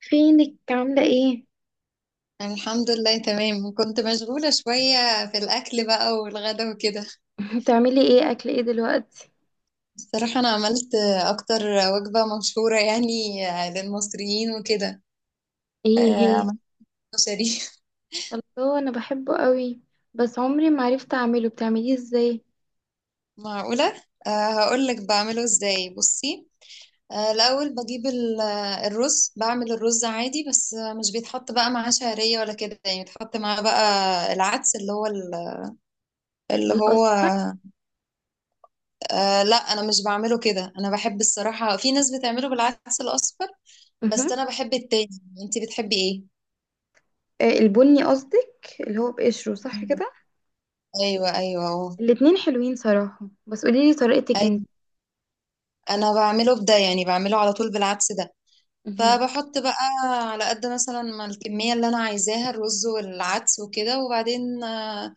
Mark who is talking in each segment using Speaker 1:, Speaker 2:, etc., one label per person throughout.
Speaker 1: فينك عاملة ايه؟
Speaker 2: الحمد لله، تمام. كنت مشغولة شوية في الأكل بقى والغدا وكده.
Speaker 1: بتعملي ايه، اكل ايه دلوقتي؟
Speaker 2: بصراحة أنا عملت أكتر وجبة مشهورة يعني، للمصريين وكده.
Speaker 1: ايه هي؟
Speaker 2: عملت كشري.
Speaker 1: الله، انا بحبه قوي. بس عمري ما عرفت اعمله، بتعمليه ازاي؟
Speaker 2: معقولة، هقولك بعمله إزاي بصي. الأول بجيب الرز، بعمل الرز عادي، بس مش بيتحط بقى معاه شعرية ولا كده، يعني بيتحط معاه بقى العدس اللي هو اللي هو
Speaker 1: الأصل.
Speaker 2: آه لا، أنا مش بعمله كده. أنا بحب الصراحة، في ناس بتعمله بالعدس الأصفر بس
Speaker 1: مهم.
Speaker 2: انا بحب التاني. انتي بتحبي ايه؟
Speaker 1: البني قصدك، اللي هو بقشره صح كده؟
Speaker 2: ايوه ايوه اهو.
Speaker 1: الاتنين حلوين صراحة، بس قوليلي طريقتك انت.
Speaker 2: ايوه. انا بعمله بده، يعني بعمله على طول بالعدس ده.
Speaker 1: مهم.
Speaker 2: فبحط بقى على قد مثلا ما الكميه اللي انا عايزاها الرز والعدس وكده، وبعدين آه،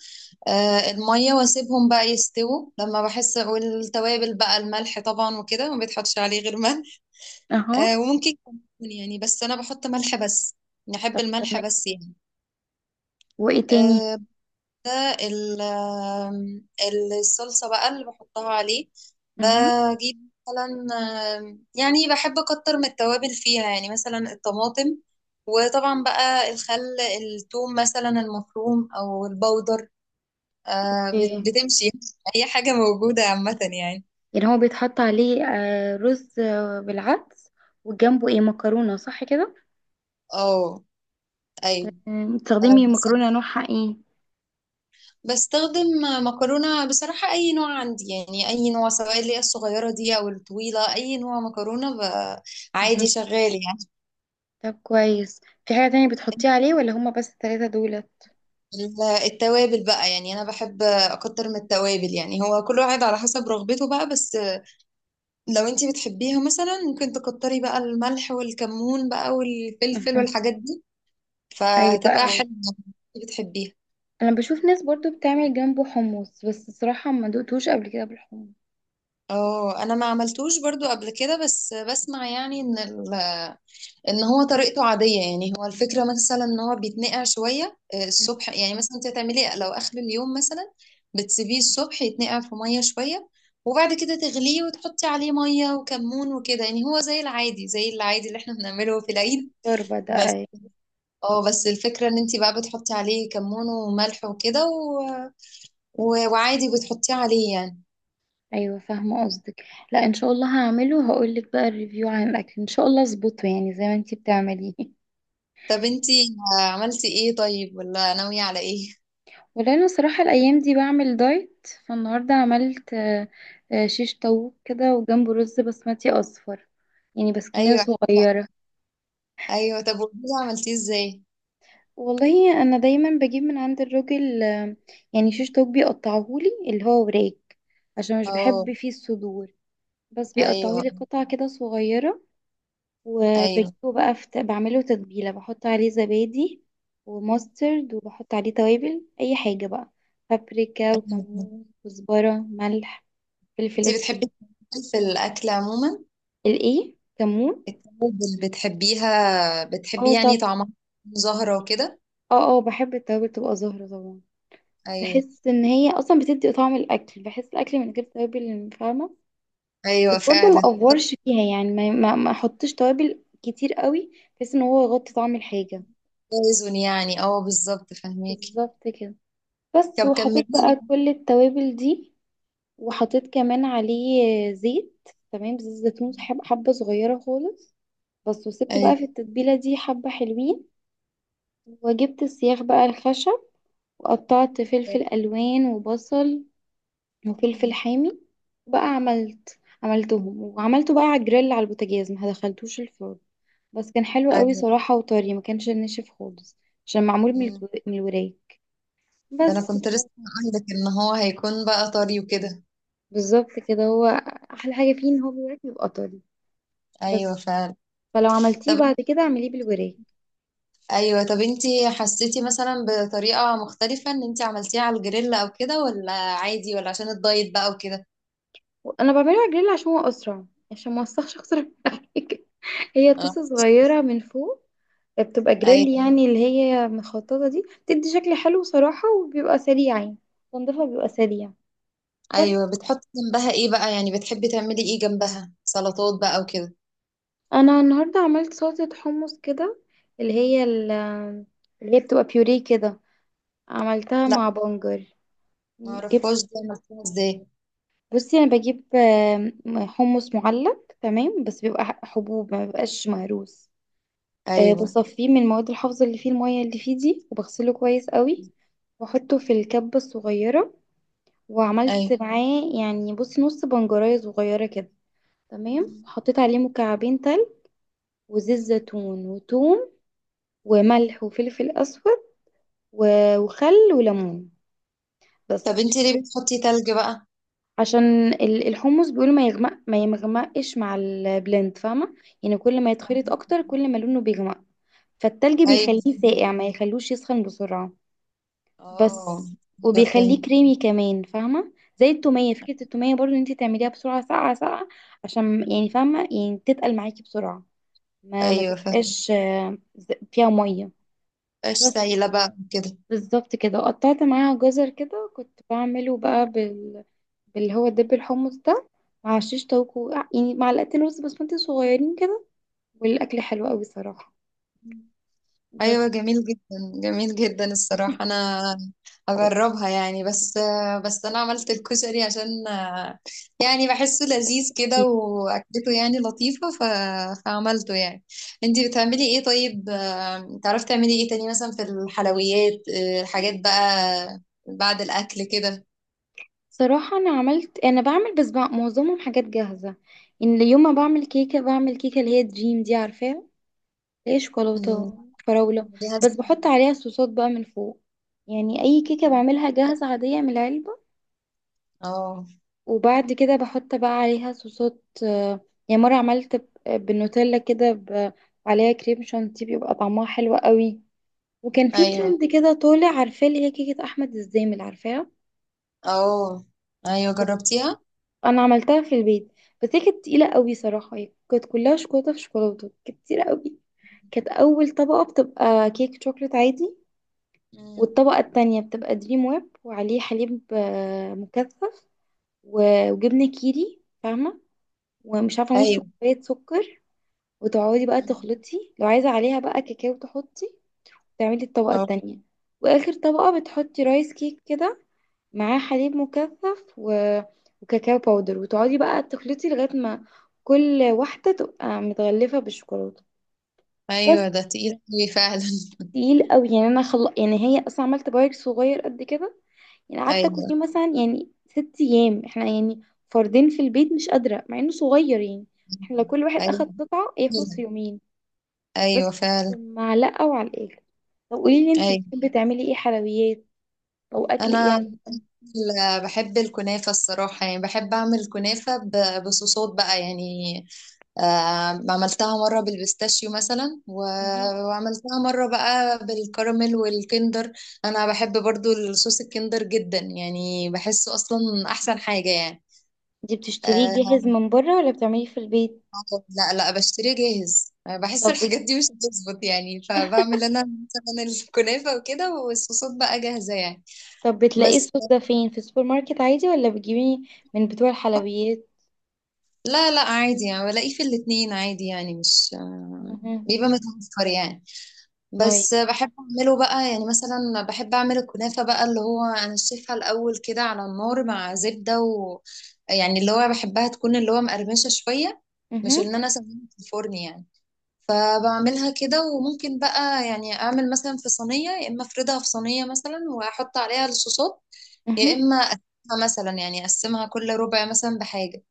Speaker 2: آه، الميه، واسيبهم بقى يستووا لما بحس، والتوابل بقى الملح طبعا وكده، ما بيتحطش عليه غير ملح.
Speaker 1: اهو.
Speaker 2: وممكن كمون يعني، بس انا بحط ملح بس. نحب
Speaker 1: طب
Speaker 2: الملح
Speaker 1: تمام.
Speaker 2: بس يعني.
Speaker 1: وايه تاني؟
Speaker 2: آه، ده ال- آم، الصلصة بقى اللي بحطها عليه.
Speaker 1: مهم.
Speaker 2: بجيب مثلا يعني بحب أكتر من التوابل فيها، يعني مثلا الطماطم، وطبعا بقى الخل، الثوم مثلا المفروم أو البودر.
Speaker 1: ايه،
Speaker 2: بتمشي أي حاجة موجودة، عامة يعني.
Speaker 1: يعني هو بيتحط عليه رز بالعدس، وجنبه ايه، مكرونة صح كده؟
Speaker 2: اه. أيوة.
Speaker 1: تمام.
Speaker 2: آه،
Speaker 1: بتستخدمي
Speaker 2: بس-
Speaker 1: مكرونة نوعها ايه؟
Speaker 2: بستخدم مكرونة بصراحة، أي نوع عندي يعني، أي نوع سواء اللي هي الصغيرة دي أو الطويلة، أي نوع مكرونة عادي، شغال يعني.
Speaker 1: طب كويس. في حاجة تانية بتحطيه عليه ولا هما بس التلاتة دولت؟
Speaker 2: التوابل بقى، يعني انا بحب اكتر من التوابل يعني، هو كل واحد على حسب رغبته بقى بس. لو انتي بتحبيها مثلا ممكن تكتري بقى الملح والكمون بقى والفلفل
Speaker 1: أها.
Speaker 2: والحاجات دي،
Speaker 1: أيوة
Speaker 2: فهتبقى
Speaker 1: أيوة.
Speaker 2: حلوة لو انتي بتحبيها.
Speaker 1: أنا بشوف ناس برضو بتعمل جنبه حمص، بس الصراحة ما دوقتوش قبل كده بالحمص.
Speaker 2: اه، انا ما عملتوش برضو قبل كده، بس بسمع يعني ان ان هو طريقته عادية يعني. هو الفكرة مثلا ان هو بيتنقع شوية
Speaker 1: أها.
Speaker 2: الصبح، يعني مثلا انت هتعملي إيه؟ لو اخر اليوم مثلا، بتسيبيه الصبح يتنقع في مية شوية، وبعد كده تغليه وتحطي عليه مية وكمون وكده، يعني هو زي العادي، زي العادي اللي احنا بنعمله في العيد.
Speaker 1: شوربة ده،
Speaker 2: بس
Speaker 1: أيوة.
Speaker 2: اه، بس الفكرة ان انت بقى بتحطي عليه كمون وملح وكده و... وعادي بتحطيه عليه يعني.
Speaker 1: أيوة، فاهمة قصدك. لا، إن شاء الله هعمله، هقولك بقى الريفيو عن الأكل، إن شاء الله أظبطه يعني زي ما أنتي بتعمليه.
Speaker 2: طب انت عملتي ايه طيب، ولا ناوية على ايه؟
Speaker 1: ولأنه صراحة الأيام دي بعمل دايت، فالنهاردة عملت شيش طاووق كده، وجنبه رز بسمتي أصفر. يعني بس كمية
Speaker 2: ايوه
Speaker 1: صغيرة.
Speaker 2: ايوه. طب وده عملتيه ازاي؟
Speaker 1: والله انا دايما بجيب من عند الراجل يعني شيش طاووق بيقطعهولي، اللي هو وراك، عشان مش
Speaker 2: اه.
Speaker 1: بحب فيه الصدور. بس
Speaker 2: ايوه.
Speaker 1: بيقطعهولي قطع كده صغيرة.
Speaker 2: ايوه.
Speaker 1: وبجيبه بقى، بعمله تتبيلة، بحط عليه زبادي وماسترد، وبحط عليه توابل اي حاجة بقى: بابريكا، وكمون، كزبرة، ملح، فلفل
Speaker 2: انتي
Speaker 1: اسود.
Speaker 2: بتحبي التوابل في الاكل عموما؟
Speaker 1: الايه، كمون؟
Speaker 2: التوابل بتحبيها، بتحبي
Speaker 1: اه،
Speaker 2: يعني
Speaker 1: طب.
Speaker 2: طعمها زهرة وكده؟
Speaker 1: اه، اه، بحب التوابل تبقى زهرة طبعا.
Speaker 2: ايوه.
Speaker 1: بحس ان هي اصلا بتدي طعم الاكل، بحس الاكل من غير توابل فاهمة؟ بس
Speaker 2: ايوه
Speaker 1: برضه ما
Speaker 2: فعلا.
Speaker 1: افورش فيها، يعني ما احطش توابل كتير قوي بحيث ان هو يغطي طعم الحاجه.
Speaker 2: توازن يعني، اه بالظبط، فهميكي.
Speaker 1: بالظبط كده. بس
Speaker 2: طب
Speaker 1: وحطيت
Speaker 2: كملي لي.
Speaker 1: بقى كل التوابل دي، وحطيت كمان عليه زيت، تمام، زيت زيتون، حبه صغيره خالص. بس، وسبت
Speaker 2: ايوه.
Speaker 1: بقى في التتبيله دي حبه حلوين. وجبت السياخ بقى الخشب، وقطعت فلفل الوان وبصل وفلفل
Speaker 2: مم.
Speaker 1: حامي. بقى عملتهم وعملته بقى على الجريل، على البوتاجاز، ما دخلتوش الفرن. بس كان حلو قوي
Speaker 2: ايوه.
Speaker 1: صراحة، وطري، ما كانش ناشف خالص. عشان معمول
Speaker 2: مم.
Speaker 1: من الوراك.
Speaker 2: ده انا
Speaker 1: بس.
Speaker 2: كنت لسه عندك ان هو هيكون بقى طري وكده.
Speaker 1: بالظبط كده هو، احلى حاجة فيه ان هو بالوراك بيبقى طري. بس،
Speaker 2: ايوه فعلا.
Speaker 1: فلو عملتيه
Speaker 2: طب.
Speaker 1: بعد كده اعمليه بالوراك.
Speaker 2: ايوه، طب انتي حسيتي مثلا بطريقه مختلفه ان انتي عملتيها على الجريل او كده، ولا عادي، ولا عشان الدايت بقى؟
Speaker 1: انا بعمله على الجريل عشان هو اسرع، عشان ما اوسخش اكتر من حاجة. هي طاسة
Speaker 2: وكده.
Speaker 1: صغيرة من فوق بتبقى جريل،
Speaker 2: ايوه.
Speaker 1: يعني اللي هي مخططة دي بتدي شكل حلو صراحة، وبيبقى سريع، يعني تنظيفها بيبقى سريع. بس.
Speaker 2: ايوه، بتحطي جنبها ايه بقى، يعني بتحبي تعملي ايه جنبها، سلطات بقى وكده؟
Speaker 1: أنا النهاردة عملت سلطة حمص كده، اللي هي ال- اللي هي بتبقى بيوريه كده، عملتها
Speaker 2: لا،
Speaker 1: مع بنجر.
Speaker 2: ما اعرفهاش
Speaker 1: جبت
Speaker 2: دي، عملتيها ازاي؟
Speaker 1: بصي، أنا بجيب حمص معلب، تمام، بس بيبقى حبوب، ما بيبقاش مهروس.
Speaker 2: ايوه.
Speaker 1: بصفيه من المواد الحافظة اللي فيه، المية اللي فيه دي، وبغسله كويس قوي. واحطه في الكبة الصغيرة. وعملت
Speaker 2: ايوه.
Speaker 1: معاه يعني، بصي، نص بنجرية صغيرة كده، تمام.
Speaker 2: مم.
Speaker 1: حطيت عليه مكعبين تلج وزيت
Speaker 2: مم.
Speaker 1: زيتون وتوم
Speaker 2: مم.
Speaker 1: وملح وفلفل أسود وخل وليمون.
Speaker 2: طب
Speaker 1: بس.
Speaker 2: انتي ليه بتحطي تلج بقى؟
Speaker 1: عشان الحمص بيقولوا ما يغمق، ما يمغمقش مع البلند فاهمة؟ يعني كل ما يتخلط أكتر، كل ما لونه بيغمق. فالتلج
Speaker 2: ايوه.
Speaker 1: بيخليه ساقع، ما يخلوش يسخن بسرعة.
Speaker 2: اه.
Speaker 1: بس.
Speaker 2: ايوه فهمت.
Speaker 1: وبيخليه كريمي كمان فاهمة، زي التومية، فكرة التومية برضو ان انت تعمليها بسرعة، ساقعة ساقعة، عشان يعني فاهمة، يعني تتقل معاكي بسرعة، ما
Speaker 2: ايوه فهمت،
Speaker 1: تبقاش فيها مية.
Speaker 2: مبقاش
Speaker 1: بس.
Speaker 2: سايله بقى كده.
Speaker 1: بالظبط كده، وقطعت معاها جزر كده، كنت بعمله بقى باللي هو دب الحمص ده، مع شيش طاووق يعني معلقتين رز بسمتي صغيرين كده. والأكل حلو قوي صراحة.
Speaker 2: ايوه
Speaker 1: بس.
Speaker 2: جميل جدا. جميل جدا الصراحه، انا اجربها يعني. بس، بس انا عملت الكشري عشان، يعني بحسه لذيذ كده، واكلته يعني لطيفه فعملته يعني. انتي بتعملي ايه طيب، تعرفي تعملي ايه تاني مثلا في الحلويات، الحاجات بقى بعد الاكل كده؟
Speaker 1: صراحة أنا بعمل بس معظمهم حاجات جاهزة. إن يوم ما بعمل كيكة، بعمل كيكة اللي هي دريم دي، عارفاها؟ اللي هي
Speaker 2: أمم،
Speaker 1: شوكولاتة، فراولة.
Speaker 2: ليها
Speaker 1: بس بحط عليها صوصات بقى من فوق، يعني أي كيكة بعملها جاهزة عادية من العلبة،
Speaker 2: اه.
Speaker 1: وبعد كده بحط بقى عليها صوصات، يعني مرة عملت بالنوتيلا كده، عليها كريم شانتيه، بيبقى طعمها حلو قوي. وكان في
Speaker 2: ايوه.
Speaker 1: ترند كده طالع، عارفاه، اللي هي كيكة أحمد الزامل، عارفاها؟
Speaker 2: اه، ايوه جربتيها؟
Speaker 1: انا عملتها في البيت، بس هي كانت تقيله قوي صراحه، هي كانت كلها شوكولاته في شوكولاته، كانت تقيله قوي. كانت اول طبقه بتبقى كيك شوكليت عادي،
Speaker 2: أمم.
Speaker 1: والطبقه التانية بتبقى دريم ويب، وعليه حليب مكثف، وجبنه كيري فاهمه، ومش عارفه، نص
Speaker 2: ايوه.
Speaker 1: كوبايه سكر، وتقعدي بقى
Speaker 2: أمم.
Speaker 1: تخلطي. لو عايزه عليها بقى كاكاو تحطي، تعملي الطبقه
Speaker 2: اه.
Speaker 1: التانية. واخر طبقه بتحطي رايس كيك كده، معاه حليب مكثف وكاكاو باودر، وتقعدي بقى تخلطي لغاية ما كل واحدة تبقى متغلفة بالشوكولاتة. بس.
Speaker 2: ايوه، ده تقيل أوي فعلا.
Speaker 1: تقيل قوي يعني، انا يعني هي اصلا عملت بايك صغير قد كده، يعني قعدت اكل فيه
Speaker 2: أيوه.
Speaker 1: مثلا يعني 6 ايام، احنا يعني فردين في البيت، مش قادرة مع انه صغير يعني. احنا لو كل واحد
Speaker 2: أيوه
Speaker 1: اخد
Speaker 2: فعلا.
Speaker 1: قطعة يخلص في يومين. بس،
Speaker 2: أيوه فعلا.
Speaker 1: معلقة وعلى الاخر. طب قولي لي، انتي
Speaker 2: أيوه.
Speaker 1: بتحبي تعملي ايه حلويات، او اكل ايه
Speaker 2: أنا
Speaker 1: عموما؟
Speaker 2: بحب الكنافة الصراحة، يعني بحب أعمل كنافة بصوصات بقى يعني. عملتها مرة بالبيستاشيو مثلا
Speaker 1: مهم.
Speaker 2: وعملتها مرة بقى بالكراميل والكندر. أنا بحب برضو الصوص الكندر جدا يعني، بحسه أصلا أحسن حاجة يعني.
Speaker 1: دي بتشتريه
Speaker 2: آه،
Speaker 1: جاهز من بره ولا بتعمليه في البيت؟
Speaker 2: لا لا، بشتريه جاهز،
Speaker 1: طب
Speaker 2: بحس
Speaker 1: بت-
Speaker 2: الحاجات دي مش بتظبط يعني، فبعمل أنا مثلا الكنافة وكده والصوصات بقى جاهزة يعني.
Speaker 1: طب بتلاقيه
Speaker 2: بس.
Speaker 1: الصوص ده فين، في السوبر ماركت عادي، ولا بتجيبيه من بتوع الحلويات؟
Speaker 2: لا لا عادي يعني، بلاقيه في الاتنين عادي يعني، مش،
Speaker 1: اها،
Speaker 2: بيبقى متوفر يعني.
Speaker 1: طيب.
Speaker 2: بس بحب اعمله بقى يعني مثلا، بحب اعمل الكنافة بقى اللي هو انا شايفها الاول كده على النار مع زبدة و... يعني اللي هو بحبها تكون اللي هو مقرمشة شوية، مش
Speaker 1: اها،
Speaker 2: ان انا اسويها في الفرن يعني. فبعملها كده، وممكن بقى يعني اعمل مثلا في صينية، يا اما افردها في صينية مثلا واحط عليها الصوصات، يا
Speaker 1: اها.
Speaker 2: اما اقسمها مثلا، يعني اقسمها كل ربع مثلا بحاجة،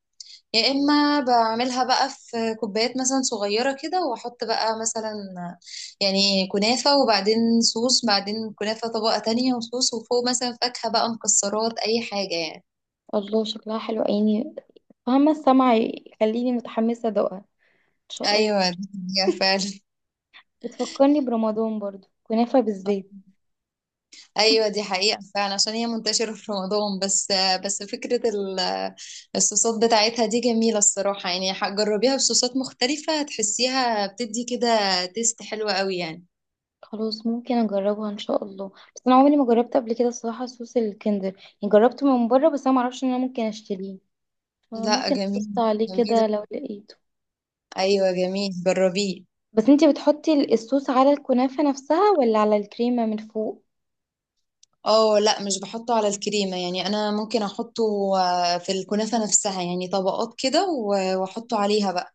Speaker 2: يا اما بعملها بقى في كوبايات مثلا صغيره كده، واحط بقى مثلا يعني كنافه، وبعدين صوص، بعدين كنافه طبقه تانية وصوص، وفوق مثلا فاكهه بقى، مكسرات، اي حاجه يعني.
Speaker 1: الله، شكلها حلو عيني، فاهمة السمع يخليني متحمسة ادوقها ان شاء الله.
Speaker 2: ايوه دي حقيقة فعلا.
Speaker 1: بتفكرني برمضان برضو، كنافة بالزيت.
Speaker 2: ايوه دي حقيقه فعلا، عشان هي منتشره في رمضان بس. بس فكره الصوصات بتاعتها دي جميله الصراحه يعني، جربيها بصوصات مختلفه، هتحسيها بتدي كده تيست حلوه قوي يعني.
Speaker 1: خلاص، ممكن اجربها ان شاء الله. بس انا عمري ما جربت قبل كده الصراحة صوص الكندر، يعني جربته من بره بس انا معرفش ان انا ممكن اشتريه،
Speaker 2: لا
Speaker 1: فممكن ابص
Speaker 2: جميل.
Speaker 1: عليه
Speaker 2: جميل.
Speaker 1: كده لو لقيته.
Speaker 2: ايوه جميل، جربيه.
Speaker 1: بس انتي بتحطي الصوص على الكنافة نفسها ولا على الكريمة من فوق؟
Speaker 2: اه لا، مش بحطه على الكريمة يعني، انا ممكن احطه في الكنافة نفسها يعني، طبقات كده واحطه عليها بقى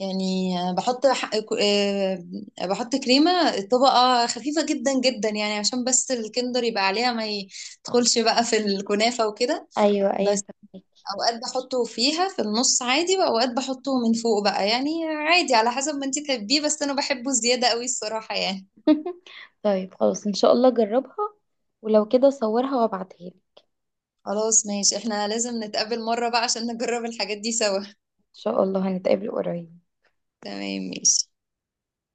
Speaker 2: يعني، آه، بحط ح- آه، بحط كريمة طبقة خفيفة جدا جدا يعني، عشان بس الكندر يبقى عليها ما يدخلش بقى في الكنافة وكده.
Speaker 1: ايوه ايوه،
Speaker 2: بس
Speaker 1: فهمك.
Speaker 2: اوقات بحطه فيها في النص عادي، واوقات بحطه من فوق بقى، يعني عادي على حسب ما انتي تحبيه، بس انا بحبه زيادة قوي الصراحة يعني.
Speaker 1: طيب، خلاص، ان شاء الله جربها. ولو كده صورها وابعتها لي، ان
Speaker 2: خلاص ماشي، احنا لازم نتقابل مرة بقى عشان نجرب الحاجات دي سوا.
Speaker 1: شاء الله هنتقابل قريب.
Speaker 2: تمام ماشي.